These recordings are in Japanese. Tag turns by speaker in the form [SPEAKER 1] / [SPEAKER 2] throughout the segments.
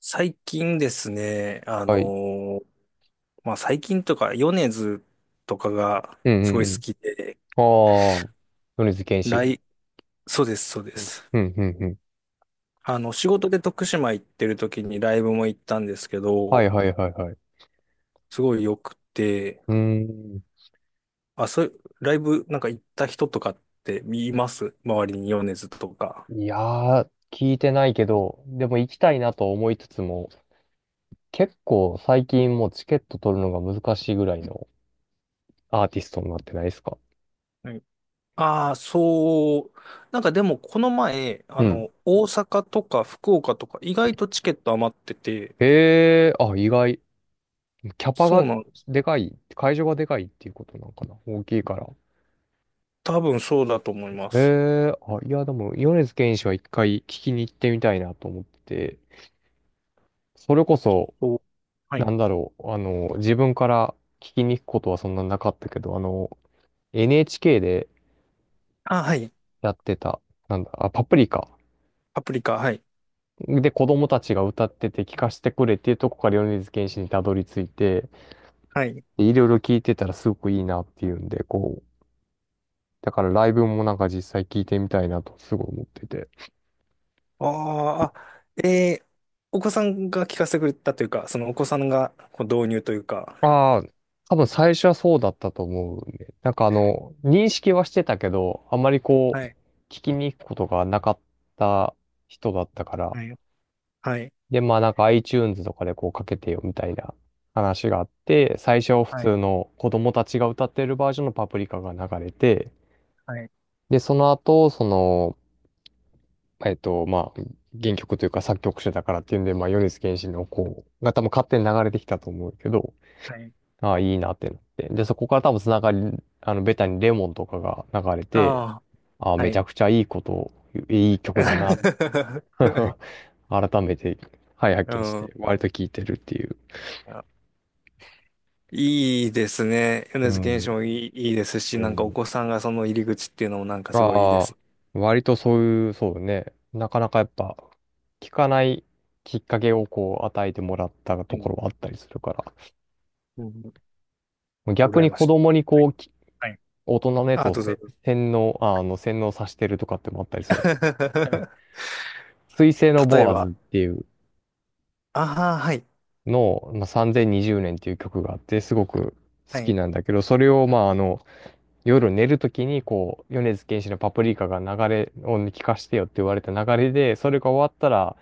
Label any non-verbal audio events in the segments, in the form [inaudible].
[SPEAKER 1] 最近ですね、
[SPEAKER 2] はい。
[SPEAKER 1] まあ、最近とか、米津とかが
[SPEAKER 2] うん
[SPEAKER 1] す
[SPEAKER 2] う
[SPEAKER 1] ご
[SPEAKER 2] ん
[SPEAKER 1] い
[SPEAKER 2] う
[SPEAKER 1] 好
[SPEAKER 2] ん。
[SPEAKER 1] きで、
[SPEAKER 2] ああ、米津玄
[SPEAKER 1] ラ
[SPEAKER 2] 師。
[SPEAKER 1] イ、そうです、そうで
[SPEAKER 2] うん
[SPEAKER 1] す。
[SPEAKER 2] うんうんうん。
[SPEAKER 1] 仕事で徳島行ってる時にライブも行ったんですけ
[SPEAKER 2] はい
[SPEAKER 1] ど、
[SPEAKER 2] はいはいはい。
[SPEAKER 1] すごい良くて、
[SPEAKER 2] うーん。
[SPEAKER 1] あ、そう、ライブなんか行った人とかって見ます周りに米津とか？
[SPEAKER 2] いやー、聞いてないけど、でも行きたいなと思いつつも、結構最近もうチケット取るのが難しいぐらいのアーティストになってないですか？
[SPEAKER 1] はい。ああ、そう。なんかでも、この前、
[SPEAKER 2] うん。
[SPEAKER 1] 大阪とか福岡とか、意外とチケット余ってて、
[SPEAKER 2] へえ、あ、意外。キャパ
[SPEAKER 1] そ
[SPEAKER 2] が
[SPEAKER 1] うなんです。
[SPEAKER 2] でかい、会場がでかいっていうことなんかな。大きいから。
[SPEAKER 1] 多分そうだと思いま
[SPEAKER 2] へ
[SPEAKER 1] す。
[SPEAKER 2] え、あ、いや、でも、米津玄師は一回聞きに行ってみたいなと思ってて、それこそ、
[SPEAKER 1] そう、は
[SPEAKER 2] な
[SPEAKER 1] い。
[SPEAKER 2] んだろう、あの、自分から聞きに行くことはそんななかったけど、あの、NHK で
[SPEAKER 1] あ、はい。
[SPEAKER 2] やってた、なんだ、あ、パプリカ。
[SPEAKER 1] パプリカ、はい。
[SPEAKER 2] で、子供たちが歌ってて聞かせてくれっていうとこから米津玄師にたどり着いて、
[SPEAKER 1] はい。
[SPEAKER 2] でいろいろ聞いてたらすごくいいなっていうんで、こう、だからライブもなんか実際聞いてみたいなとすごい思ってて。
[SPEAKER 1] あー、あ、お子さんが聞かせてくれたというか、そのお子さんがこう導入というか。
[SPEAKER 2] ああ、多分最初はそうだったと思うね。なんかあの、認識はしてたけど、あんまりこ
[SPEAKER 1] は
[SPEAKER 2] う、
[SPEAKER 1] い。
[SPEAKER 2] 聞きに行くことがなかった人だったから。
[SPEAKER 1] はい。はい。
[SPEAKER 2] で、まあなんか iTunes とかでこうかけてよみたいな話があって、最初は普
[SPEAKER 1] はい。
[SPEAKER 2] 通の子供たちが歌ってるバージョンのパプリカが流れて、
[SPEAKER 1] はい。
[SPEAKER 2] で、その後、その、まあ、原曲というか作曲者だからっていうんで、まあ、米津玄師のこうが多分勝手に流れてきたと思うけど、
[SPEAKER 1] はい。
[SPEAKER 2] ああ、いいなってなって。で、そこから多分つながり、あの、ベタにレモンとかが流れて、
[SPEAKER 1] あ
[SPEAKER 2] ああ、
[SPEAKER 1] あ、は
[SPEAKER 2] めち
[SPEAKER 1] い。
[SPEAKER 2] ゃくちゃいいこと、いい曲だな、
[SPEAKER 1] [laughs]
[SPEAKER 2] [laughs] 改めて、はい、
[SPEAKER 1] う
[SPEAKER 2] 発見し
[SPEAKER 1] ん。
[SPEAKER 2] て、割と聴いてるっていう。
[SPEAKER 1] いいですね。
[SPEAKER 2] う
[SPEAKER 1] 米津玄師
[SPEAKER 2] ん。
[SPEAKER 1] もいい、いいです
[SPEAKER 2] う
[SPEAKER 1] し、なんかお
[SPEAKER 2] ん。
[SPEAKER 1] 子さんがその入り口っていうのもなんかすごいいいです。
[SPEAKER 2] ああ、割とそういう、そうね。なかなかやっぱ、聞かないきっかけをこう与えてもらった
[SPEAKER 1] う
[SPEAKER 2] とこ
[SPEAKER 1] ん。
[SPEAKER 2] ろはあったりするか
[SPEAKER 1] うん。
[SPEAKER 2] ら。逆
[SPEAKER 1] 羨
[SPEAKER 2] に
[SPEAKER 1] まし
[SPEAKER 2] 子
[SPEAKER 1] い。
[SPEAKER 2] 供にこう、
[SPEAKER 1] はい。
[SPEAKER 2] 大人のやつ
[SPEAKER 1] あ、
[SPEAKER 2] を
[SPEAKER 1] どうぞどうぞ。
[SPEAKER 2] 洗脳、洗脳させてるとかってのもあったりするんやけど。
[SPEAKER 1] [laughs]
[SPEAKER 2] 水星の
[SPEAKER 1] 例え
[SPEAKER 2] ボア
[SPEAKER 1] ば、
[SPEAKER 2] ズっていう
[SPEAKER 1] ああ、はい。
[SPEAKER 2] のを、まあ、3020年っていう曲があって、すごく
[SPEAKER 1] は
[SPEAKER 2] 好き
[SPEAKER 1] い。
[SPEAKER 2] なんだけど、それを、まあ、あの、夜寝るときに、こう、米津玄師のパプリカが流れを聞かしてよって言われた流れで、それが終わったら、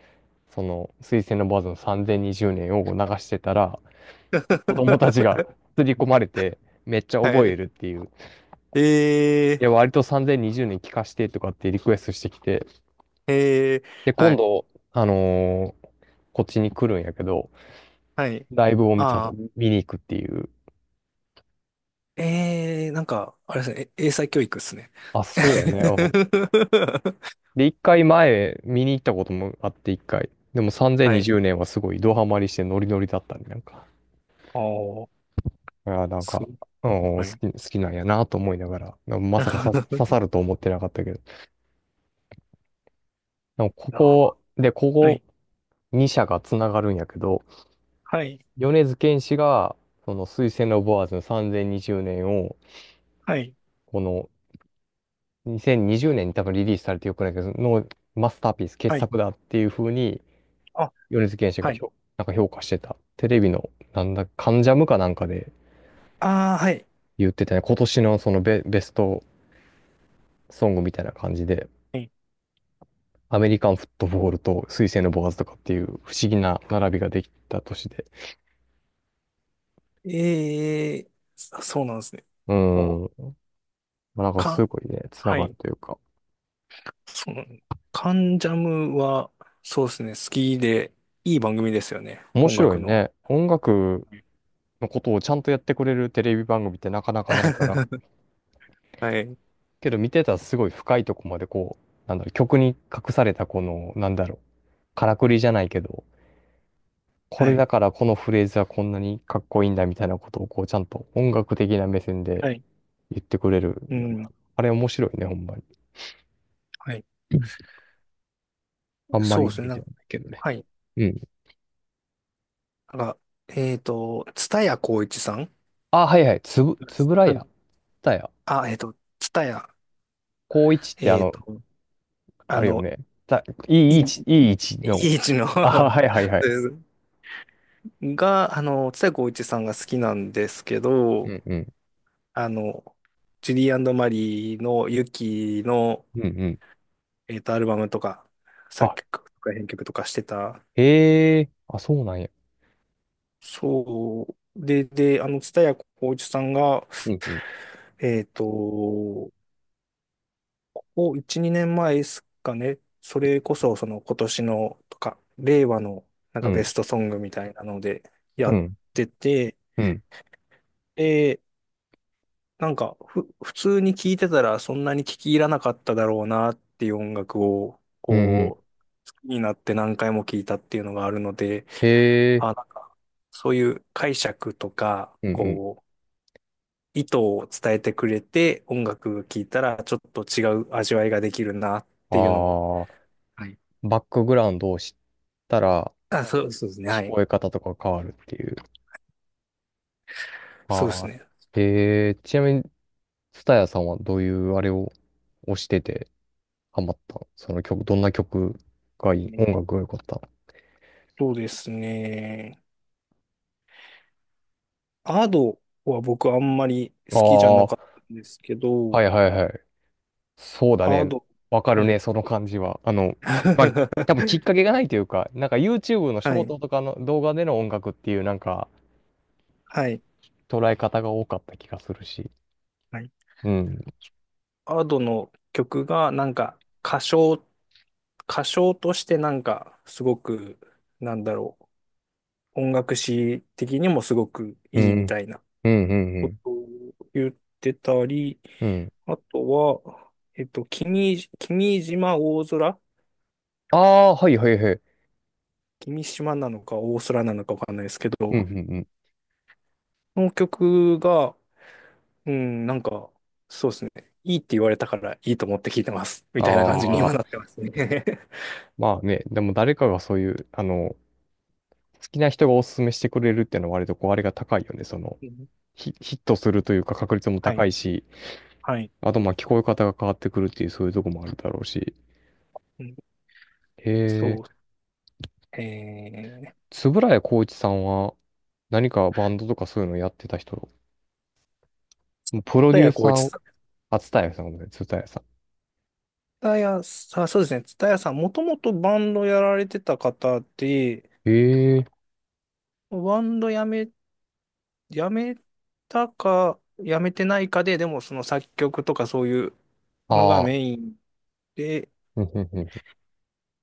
[SPEAKER 2] その、水星のボアズの3020年を流してたら、子供たちが
[SPEAKER 1] [laughs]
[SPEAKER 2] 刷り込まれて、めっちゃ
[SPEAKER 1] は
[SPEAKER 2] 覚え
[SPEAKER 1] い。
[SPEAKER 2] るっていう。い
[SPEAKER 1] え
[SPEAKER 2] や、割と3020年聞かしてとかってリクエストしてきて、
[SPEAKER 1] ー、えー、
[SPEAKER 2] で、
[SPEAKER 1] は
[SPEAKER 2] 今
[SPEAKER 1] い。
[SPEAKER 2] 度、あのーこっちに来るんやけど、
[SPEAKER 1] はい。
[SPEAKER 2] ライブをちゃんと
[SPEAKER 1] ああ、
[SPEAKER 2] 見に行くっていう。
[SPEAKER 1] なんか、あれですね。英才教育っすね。[laughs]
[SPEAKER 2] あ、そうやね。うん。で、一回前見に行ったこともあって一回。でも
[SPEAKER 1] は
[SPEAKER 2] 3020
[SPEAKER 1] い。
[SPEAKER 2] 年はすごいドハマりしてノリノリだったんなんか。
[SPEAKER 1] ああ、
[SPEAKER 2] いや、なん
[SPEAKER 1] そ
[SPEAKER 2] か、
[SPEAKER 1] う。
[SPEAKER 2] うん、
[SPEAKER 1] はい。
[SPEAKER 2] 好きなんやなと思いながら、なまさかさ刺さ
[SPEAKER 1] [laughs]
[SPEAKER 2] ると思ってなかったけど。でもこ
[SPEAKER 1] あ
[SPEAKER 2] こ、で、こ
[SPEAKER 1] は
[SPEAKER 2] こ
[SPEAKER 1] い。
[SPEAKER 2] 2社がつながるんやけど、
[SPEAKER 1] はい。
[SPEAKER 2] 米津玄師が、その水星のボアーズの3020年を、
[SPEAKER 1] はい。
[SPEAKER 2] この2020年にじゅうねんに多分リリースされてよくないけど、のマスターピース、傑
[SPEAKER 1] はい。
[SPEAKER 2] 作だっていう風に、
[SPEAKER 1] あ、
[SPEAKER 2] 米津玄師が
[SPEAKER 1] はい。
[SPEAKER 2] なんか評価してた、テレビの、なんだ、関ジャムかなんかで
[SPEAKER 1] ああ、はい。
[SPEAKER 2] 言ってたね。今年のそのベストソングみたいな感じで、
[SPEAKER 1] はい。
[SPEAKER 2] アメリカンフットボールと水星のボーズとかっていう不思議な並びができた年で、
[SPEAKER 1] えー、そうなんですね。
[SPEAKER 2] う
[SPEAKER 1] お、
[SPEAKER 2] ーん、まあなんかす
[SPEAKER 1] か、
[SPEAKER 2] ごいね、つな
[SPEAKER 1] は
[SPEAKER 2] がる
[SPEAKER 1] い。
[SPEAKER 2] というか、
[SPEAKER 1] その、カンジャムは、そうですね、好きで、いい番組ですよね、
[SPEAKER 2] 面
[SPEAKER 1] 音
[SPEAKER 2] 白
[SPEAKER 1] 楽
[SPEAKER 2] い
[SPEAKER 1] の。
[SPEAKER 2] ね。音楽のことをちゃんとやってくれるテレビ番組ってなかなかないから、
[SPEAKER 1] [laughs] はい。
[SPEAKER 2] けど見てたらすごい深いとこまでこう、なんだろう、曲に隠されたこの、なんだろう、からくりじゃないけど、こ
[SPEAKER 1] は
[SPEAKER 2] れ
[SPEAKER 1] い。
[SPEAKER 2] だからこのフレーズはこんなにかっこいいんだみたいなことをこうちゃんと音楽的な目線で
[SPEAKER 1] はい。
[SPEAKER 2] 言ってくれる
[SPEAKER 1] う
[SPEAKER 2] よね。
[SPEAKER 1] ん。
[SPEAKER 2] あれ面白いね、ほんまに。
[SPEAKER 1] はい。
[SPEAKER 2] うん、あんま
[SPEAKER 1] そう
[SPEAKER 2] り
[SPEAKER 1] で
[SPEAKER 2] 見
[SPEAKER 1] すね、
[SPEAKER 2] れ
[SPEAKER 1] な
[SPEAKER 2] て
[SPEAKER 1] ん
[SPEAKER 2] は
[SPEAKER 1] か、
[SPEAKER 2] ないけどね。
[SPEAKER 1] はい。
[SPEAKER 2] うん。
[SPEAKER 1] なんか、蔦谷好位置さん。
[SPEAKER 2] あ、はいはい。つぶら
[SPEAKER 1] はい。
[SPEAKER 2] や。たや。
[SPEAKER 1] あ、蔦谷、
[SPEAKER 2] 高一ってあ
[SPEAKER 1] えっ
[SPEAKER 2] の、
[SPEAKER 1] と、
[SPEAKER 2] あ
[SPEAKER 1] あ
[SPEAKER 2] れよ
[SPEAKER 1] の、
[SPEAKER 2] ね。た、い
[SPEAKER 1] い
[SPEAKER 2] い位
[SPEAKER 1] い、
[SPEAKER 2] 置、いい位置
[SPEAKER 1] い
[SPEAKER 2] の。
[SPEAKER 1] い位置の [laughs]
[SPEAKER 2] あ、はいはいはい。
[SPEAKER 1] ですが、蔦谷好位置さんが好きなんですけ
[SPEAKER 2] う
[SPEAKER 1] ど、
[SPEAKER 2] んうん。
[SPEAKER 1] あの、ジュリーマリーのユキの、
[SPEAKER 2] うんうん。
[SPEAKER 1] アルバムとか、作
[SPEAKER 2] あ、
[SPEAKER 1] 曲とか編曲とかしてた。
[SPEAKER 2] へえ。あ、そうなんや。
[SPEAKER 1] そう。で、蔦谷好位置さんが、
[SPEAKER 2] うんうん。
[SPEAKER 1] ここ1、2年前ですかね。それこそ、その今年のとか、令和のなん
[SPEAKER 2] う
[SPEAKER 1] かベ
[SPEAKER 2] ん。
[SPEAKER 1] ストソングみたいなのでや
[SPEAKER 2] う
[SPEAKER 1] っ
[SPEAKER 2] ん。
[SPEAKER 1] てて、
[SPEAKER 2] うん。
[SPEAKER 1] で、なんか普通に聴いてたらそんなに聴き入らなかっただろうなっていう音楽を、
[SPEAKER 2] うんうん。
[SPEAKER 1] こう、好きになって何回も聴いたっていうのがあるので、
[SPEAKER 2] へ
[SPEAKER 1] あ、
[SPEAKER 2] え。
[SPEAKER 1] なんか、そういう解釈とか、
[SPEAKER 2] うんうん。
[SPEAKER 1] こう、意図を伝えてくれて、音楽聴いたらちょっと違う味わいができるなっていうのを。
[SPEAKER 2] ああ、
[SPEAKER 1] はい。
[SPEAKER 2] バックグラウンドを知ったら、
[SPEAKER 1] あ、そう、そうですね。
[SPEAKER 2] 聞
[SPEAKER 1] はい。
[SPEAKER 2] こえ方とか変わるっていう。
[SPEAKER 1] そうです
[SPEAKER 2] は
[SPEAKER 1] ね。
[SPEAKER 2] い。えー、ちなみに、ツタヤさんはどういうあれを推しててハマったのその曲、どんな曲がいい音
[SPEAKER 1] ね
[SPEAKER 2] 楽が良かった？
[SPEAKER 1] そうですね。アドは僕あんまり好きじゃなかったんですけ
[SPEAKER 2] ああ
[SPEAKER 1] ど、
[SPEAKER 2] ー、はいはいはい。そうだ
[SPEAKER 1] ア
[SPEAKER 2] ね。
[SPEAKER 1] ド、
[SPEAKER 2] わか
[SPEAKER 1] は
[SPEAKER 2] る
[SPEAKER 1] い。
[SPEAKER 2] ね、その感じは。あの、まあ、多
[SPEAKER 1] [laughs]
[SPEAKER 2] 分きっかけがないというか、なんか YouTube のシ
[SPEAKER 1] は
[SPEAKER 2] ョー
[SPEAKER 1] い。
[SPEAKER 2] トとかの動画での音楽っていうなんか
[SPEAKER 1] はい。
[SPEAKER 2] 捉え方が多かった気がするし。
[SPEAKER 1] はい。
[SPEAKER 2] うん。
[SPEAKER 1] アドの曲がなんか歌唱、歌唱としてなんかすごく、なんだろう、音楽史的にもすごく
[SPEAKER 2] う
[SPEAKER 1] いいみ
[SPEAKER 2] ん。
[SPEAKER 1] たいな
[SPEAKER 2] うんうんう
[SPEAKER 1] こ
[SPEAKER 2] ん。
[SPEAKER 1] とを言ってたり、
[SPEAKER 2] うん。
[SPEAKER 1] あとは、君島大空、
[SPEAKER 2] ああ、はいはいはい。
[SPEAKER 1] 君島なのか大空なのかわかんないですけ
[SPEAKER 2] うんう
[SPEAKER 1] ど、
[SPEAKER 2] んうん。
[SPEAKER 1] その曲が、うん、なんか、そうですね。いいって言われたからいいと思って聞いてます。み
[SPEAKER 2] あ
[SPEAKER 1] たいな感じに
[SPEAKER 2] あ。
[SPEAKER 1] 今なってますね。[laughs]
[SPEAKER 2] まあね、でも誰かがそういう、あの、好きな人がおすすめしてくれるっていうのは割とこう、あれが高いよね。その、
[SPEAKER 1] うん、
[SPEAKER 2] ヒットするというか確率も
[SPEAKER 1] は
[SPEAKER 2] 高
[SPEAKER 1] い。
[SPEAKER 2] いし、
[SPEAKER 1] はい。
[SPEAKER 2] あとまあ聞こえ方が変わってくるっていうそういうとこもあるだろうし。
[SPEAKER 1] うん、
[SPEAKER 2] へ
[SPEAKER 1] そ
[SPEAKER 2] え、
[SPEAKER 1] う。えー、
[SPEAKER 2] 円谷浩一さんは何かバンドとかそういうのやってた人、もうプロ
[SPEAKER 1] 田
[SPEAKER 2] デュ
[SPEAKER 1] 谷
[SPEAKER 2] ーサ
[SPEAKER 1] 浩
[SPEAKER 2] ー
[SPEAKER 1] 一、
[SPEAKER 2] を、あ、蔦谷さんごめんなさい、蔦谷さ
[SPEAKER 1] タヤさん、そうですね。タヤさん、もともとバンドやられてた方で、
[SPEAKER 2] ん。へえ、
[SPEAKER 1] バンドやめたか、やめてないかで、でもその作曲とかそういうのが
[SPEAKER 2] ああ、
[SPEAKER 1] メインで、
[SPEAKER 2] うんうんうんうん。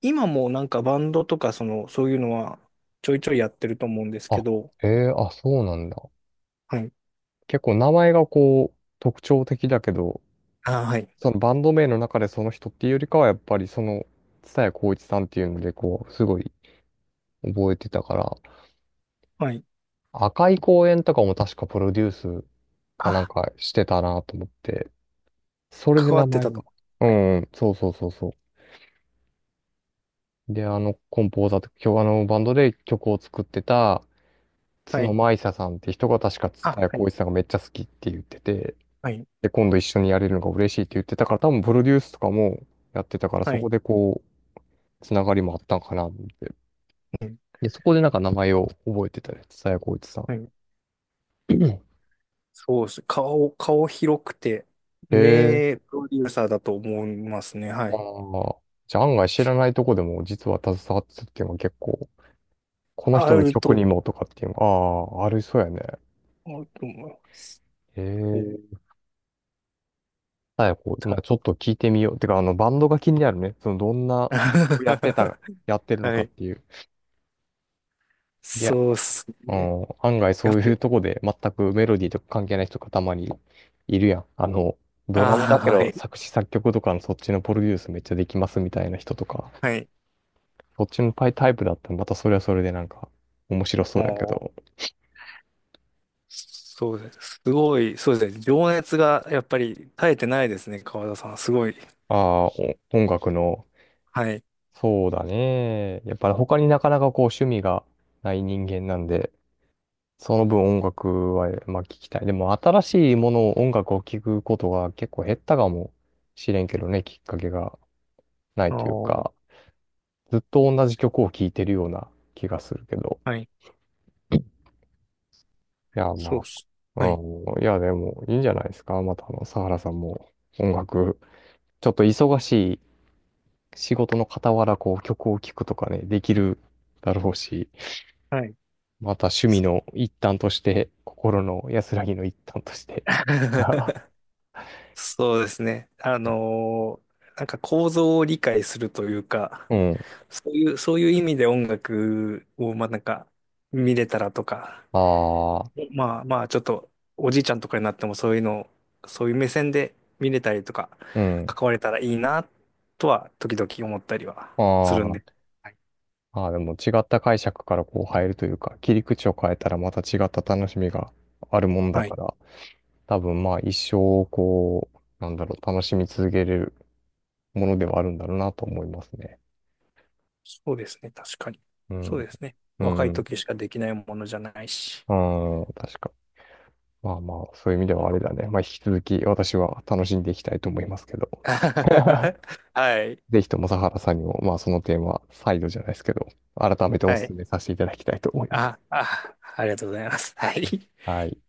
[SPEAKER 1] 今もなんかバンドとかその、そういうのはちょいちょいやってると思うんですけ
[SPEAKER 2] あ、
[SPEAKER 1] ど、
[SPEAKER 2] へえ、あ、そうなんだ。
[SPEAKER 1] はい。
[SPEAKER 2] 結構名前がこう、特徴的だけど、
[SPEAKER 1] あ、はい。
[SPEAKER 2] そのバンド名の中でその人っていうよりかは、やっぱりその、蔦谷好位置さんっていうので、こう、すごい覚えてたから、
[SPEAKER 1] はい。
[SPEAKER 2] 赤い公園とかも確かプロデュースかなん
[SPEAKER 1] あ、
[SPEAKER 2] かしてたなと思って、それで
[SPEAKER 1] 関わ
[SPEAKER 2] 名
[SPEAKER 1] って
[SPEAKER 2] 前
[SPEAKER 1] たと
[SPEAKER 2] が。
[SPEAKER 1] 思
[SPEAKER 2] う
[SPEAKER 1] う。はい。
[SPEAKER 2] んうん、そうそうそうそう。で、あの、コンポーザーと、今日あの、バンドで曲を作ってた、
[SPEAKER 1] は
[SPEAKER 2] 角
[SPEAKER 1] い。
[SPEAKER 2] 舞沙さんって人が確か蔦
[SPEAKER 1] あ、
[SPEAKER 2] 谷
[SPEAKER 1] は
[SPEAKER 2] 好
[SPEAKER 1] い。
[SPEAKER 2] 位置さんがめっちゃ好きって言ってて、
[SPEAKER 1] はい。
[SPEAKER 2] で、今度一緒にやれるのが嬉しいって言ってたから、多分プロデュースとかもやってたから、そ
[SPEAKER 1] は
[SPEAKER 2] こ
[SPEAKER 1] い。
[SPEAKER 2] でこう、つながりもあったんかなって。
[SPEAKER 1] うん、
[SPEAKER 2] で、そこでなんか名前を覚えてたりさやこいつさ
[SPEAKER 1] は
[SPEAKER 2] ん。
[SPEAKER 1] い、そうです。顔広くて、
[SPEAKER 2] へえ。
[SPEAKER 1] 名プロデューサーだと思いますね。はい。
[SPEAKER 2] まあ。じゃあ案外知らないとこでも実は携わってたっていうのは結構、この
[SPEAKER 1] あ
[SPEAKER 2] 人の
[SPEAKER 1] る
[SPEAKER 2] 曲
[SPEAKER 1] と
[SPEAKER 2] にもとかっていうのが、ああ、ありそうやね。
[SPEAKER 1] 思うと思います。
[SPEAKER 2] へ
[SPEAKER 1] そ
[SPEAKER 2] え。
[SPEAKER 1] う、
[SPEAKER 2] 佐こいま
[SPEAKER 1] た。
[SPEAKER 2] あちょっと聞いてみよう。てか、あの、バンドが気になるね。その、どんな曲やってた、やっ
[SPEAKER 1] [laughs]
[SPEAKER 2] てるの
[SPEAKER 1] は
[SPEAKER 2] かっ
[SPEAKER 1] い。
[SPEAKER 2] ていう。いや、
[SPEAKER 1] そうっす
[SPEAKER 2] う
[SPEAKER 1] ね。
[SPEAKER 2] ん、案外
[SPEAKER 1] や
[SPEAKER 2] そう
[SPEAKER 1] っ
[SPEAKER 2] いう
[SPEAKER 1] べ。
[SPEAKER 2] とこで全くメロディーとか関係ない人がたまにいるやん。あの、ドラム
[SPEAKER 1] あ
[SPEAKER 2] だ
[SPEAKER 1] あ、
[SPEAKER 2] け
[SPEAKER 1] は
[SPEAKER 2] ど
[SPEAKER 1] い。
[SPEAKER 2] 作詞作曲とかのそっちのプロデュースめっちゃできますみたいな人とか。
[SPEAKER 1] はい。
[SPEAKER 2] そっちのタイプだったらまたそれはそれでなんか面白そうだけ
[SPEAKER 1] もう、
[SPEAKER 2] ど。
[SPEAKER 1] そうです。すごい、そうですね。情熱がやっぱり絶えてないですね、川田さん。すごい。
[SPEAKER 2] ああ、お音楽の、
[SPEAKER 1] はい。
[SPEAKER 2] そうだね。やっぱり他になかなかこう趣味がない人間なんで、その分音楽はまあ聞きたい。でも新しいものを音楽を聞くことが結構減ったかもしれんけどね、きっかけがない
[SPEAKER 1] あ
[SPEAKER 2] というか、
[SPEAKER 1] あ、
[SPEAKER 2] ずっと同じ曲を聴いてるような気がするけど。
[SPEAKER 1] はい。
[SPEAKER 2] いや、
[SPEAKER 1] そう
[SPEAKER 2] ま
[SPEAKER 1] っす。
[SPEAKER 2] あ、
[SPEAKER 1] はい。
[SPEAKER 2] うん、いや、でもいいんじゃないですか。またあの、サハラさんも音楽、ちょっと忙しい仕事の傍らこう曲を聴くとかね、できるだろうし、
[SPEAKER 1] はい。
[SPEAKER 2] また趣味の一端として、心の安らぎの一端として。[laughs]
[SPEAKER 1] [laughs] そうですね。なんか構造を理解するというか、
[SPEAKER 2] うん。
[SPEAKER 1] そういう意味で音楽を、まあなんか、見れたらとか、
[SPEAKER 2] ああ、
[SPEAKER 1] まあまあちょっと、おじいちゃんとかになってもそういうのを、そういう目線で見れたりとか、
[SPEAKER 2] うん。
[SPEAKER 1] 関われたらいいな、とは、時々思ったりはするんで。
[SPEAKER 2] あ
[SPEAKER 1] はい。
[SPEAKER 2] あ、ああ、でも違った解釈からこう入るというか、切り口を変えたらまた違った楽しみがあるもんだ
[SPEAKER 1] は
[SPEAKER 2] か
[SPEAKER 1] い。
[SPEAKER 2] ら、多分まあ一生こう、なんだろう、楽しみ続けれるものではあるんだろうなと思いますね。
[SPEAKER 1] そうですね。確かに。
[SPEAKER 2] う
[SPEAKER 1] そう
[SPEAKER 2] ん。
[SPEAKER 1] ですね。
[SPEAKER 2] う
[SPEAKER 1] 若い
[SPEAKER 2] ん。
[SPEAKER 1] 時しかできないものじゃないし。
[SPEAKER 2] うん。確かに。まあまあ、そういう意味ではあれだね。まあ、引き続き私は楽しんでいきたいと思いますけど。[laughs]
[SPEAKER 1] [laughs] はい。
[SPEAKER 2] ぜひとも、佐原さんにも、まあ、その点は再度じゃないですけど、改めてお
[SPEAKER 1] はい。
[SPEAKER 2] 勧めさせていただきたいと思います。
[SPEAKER 1] あ、ありがとうございます。はい。
[SPEAKER 2] はい。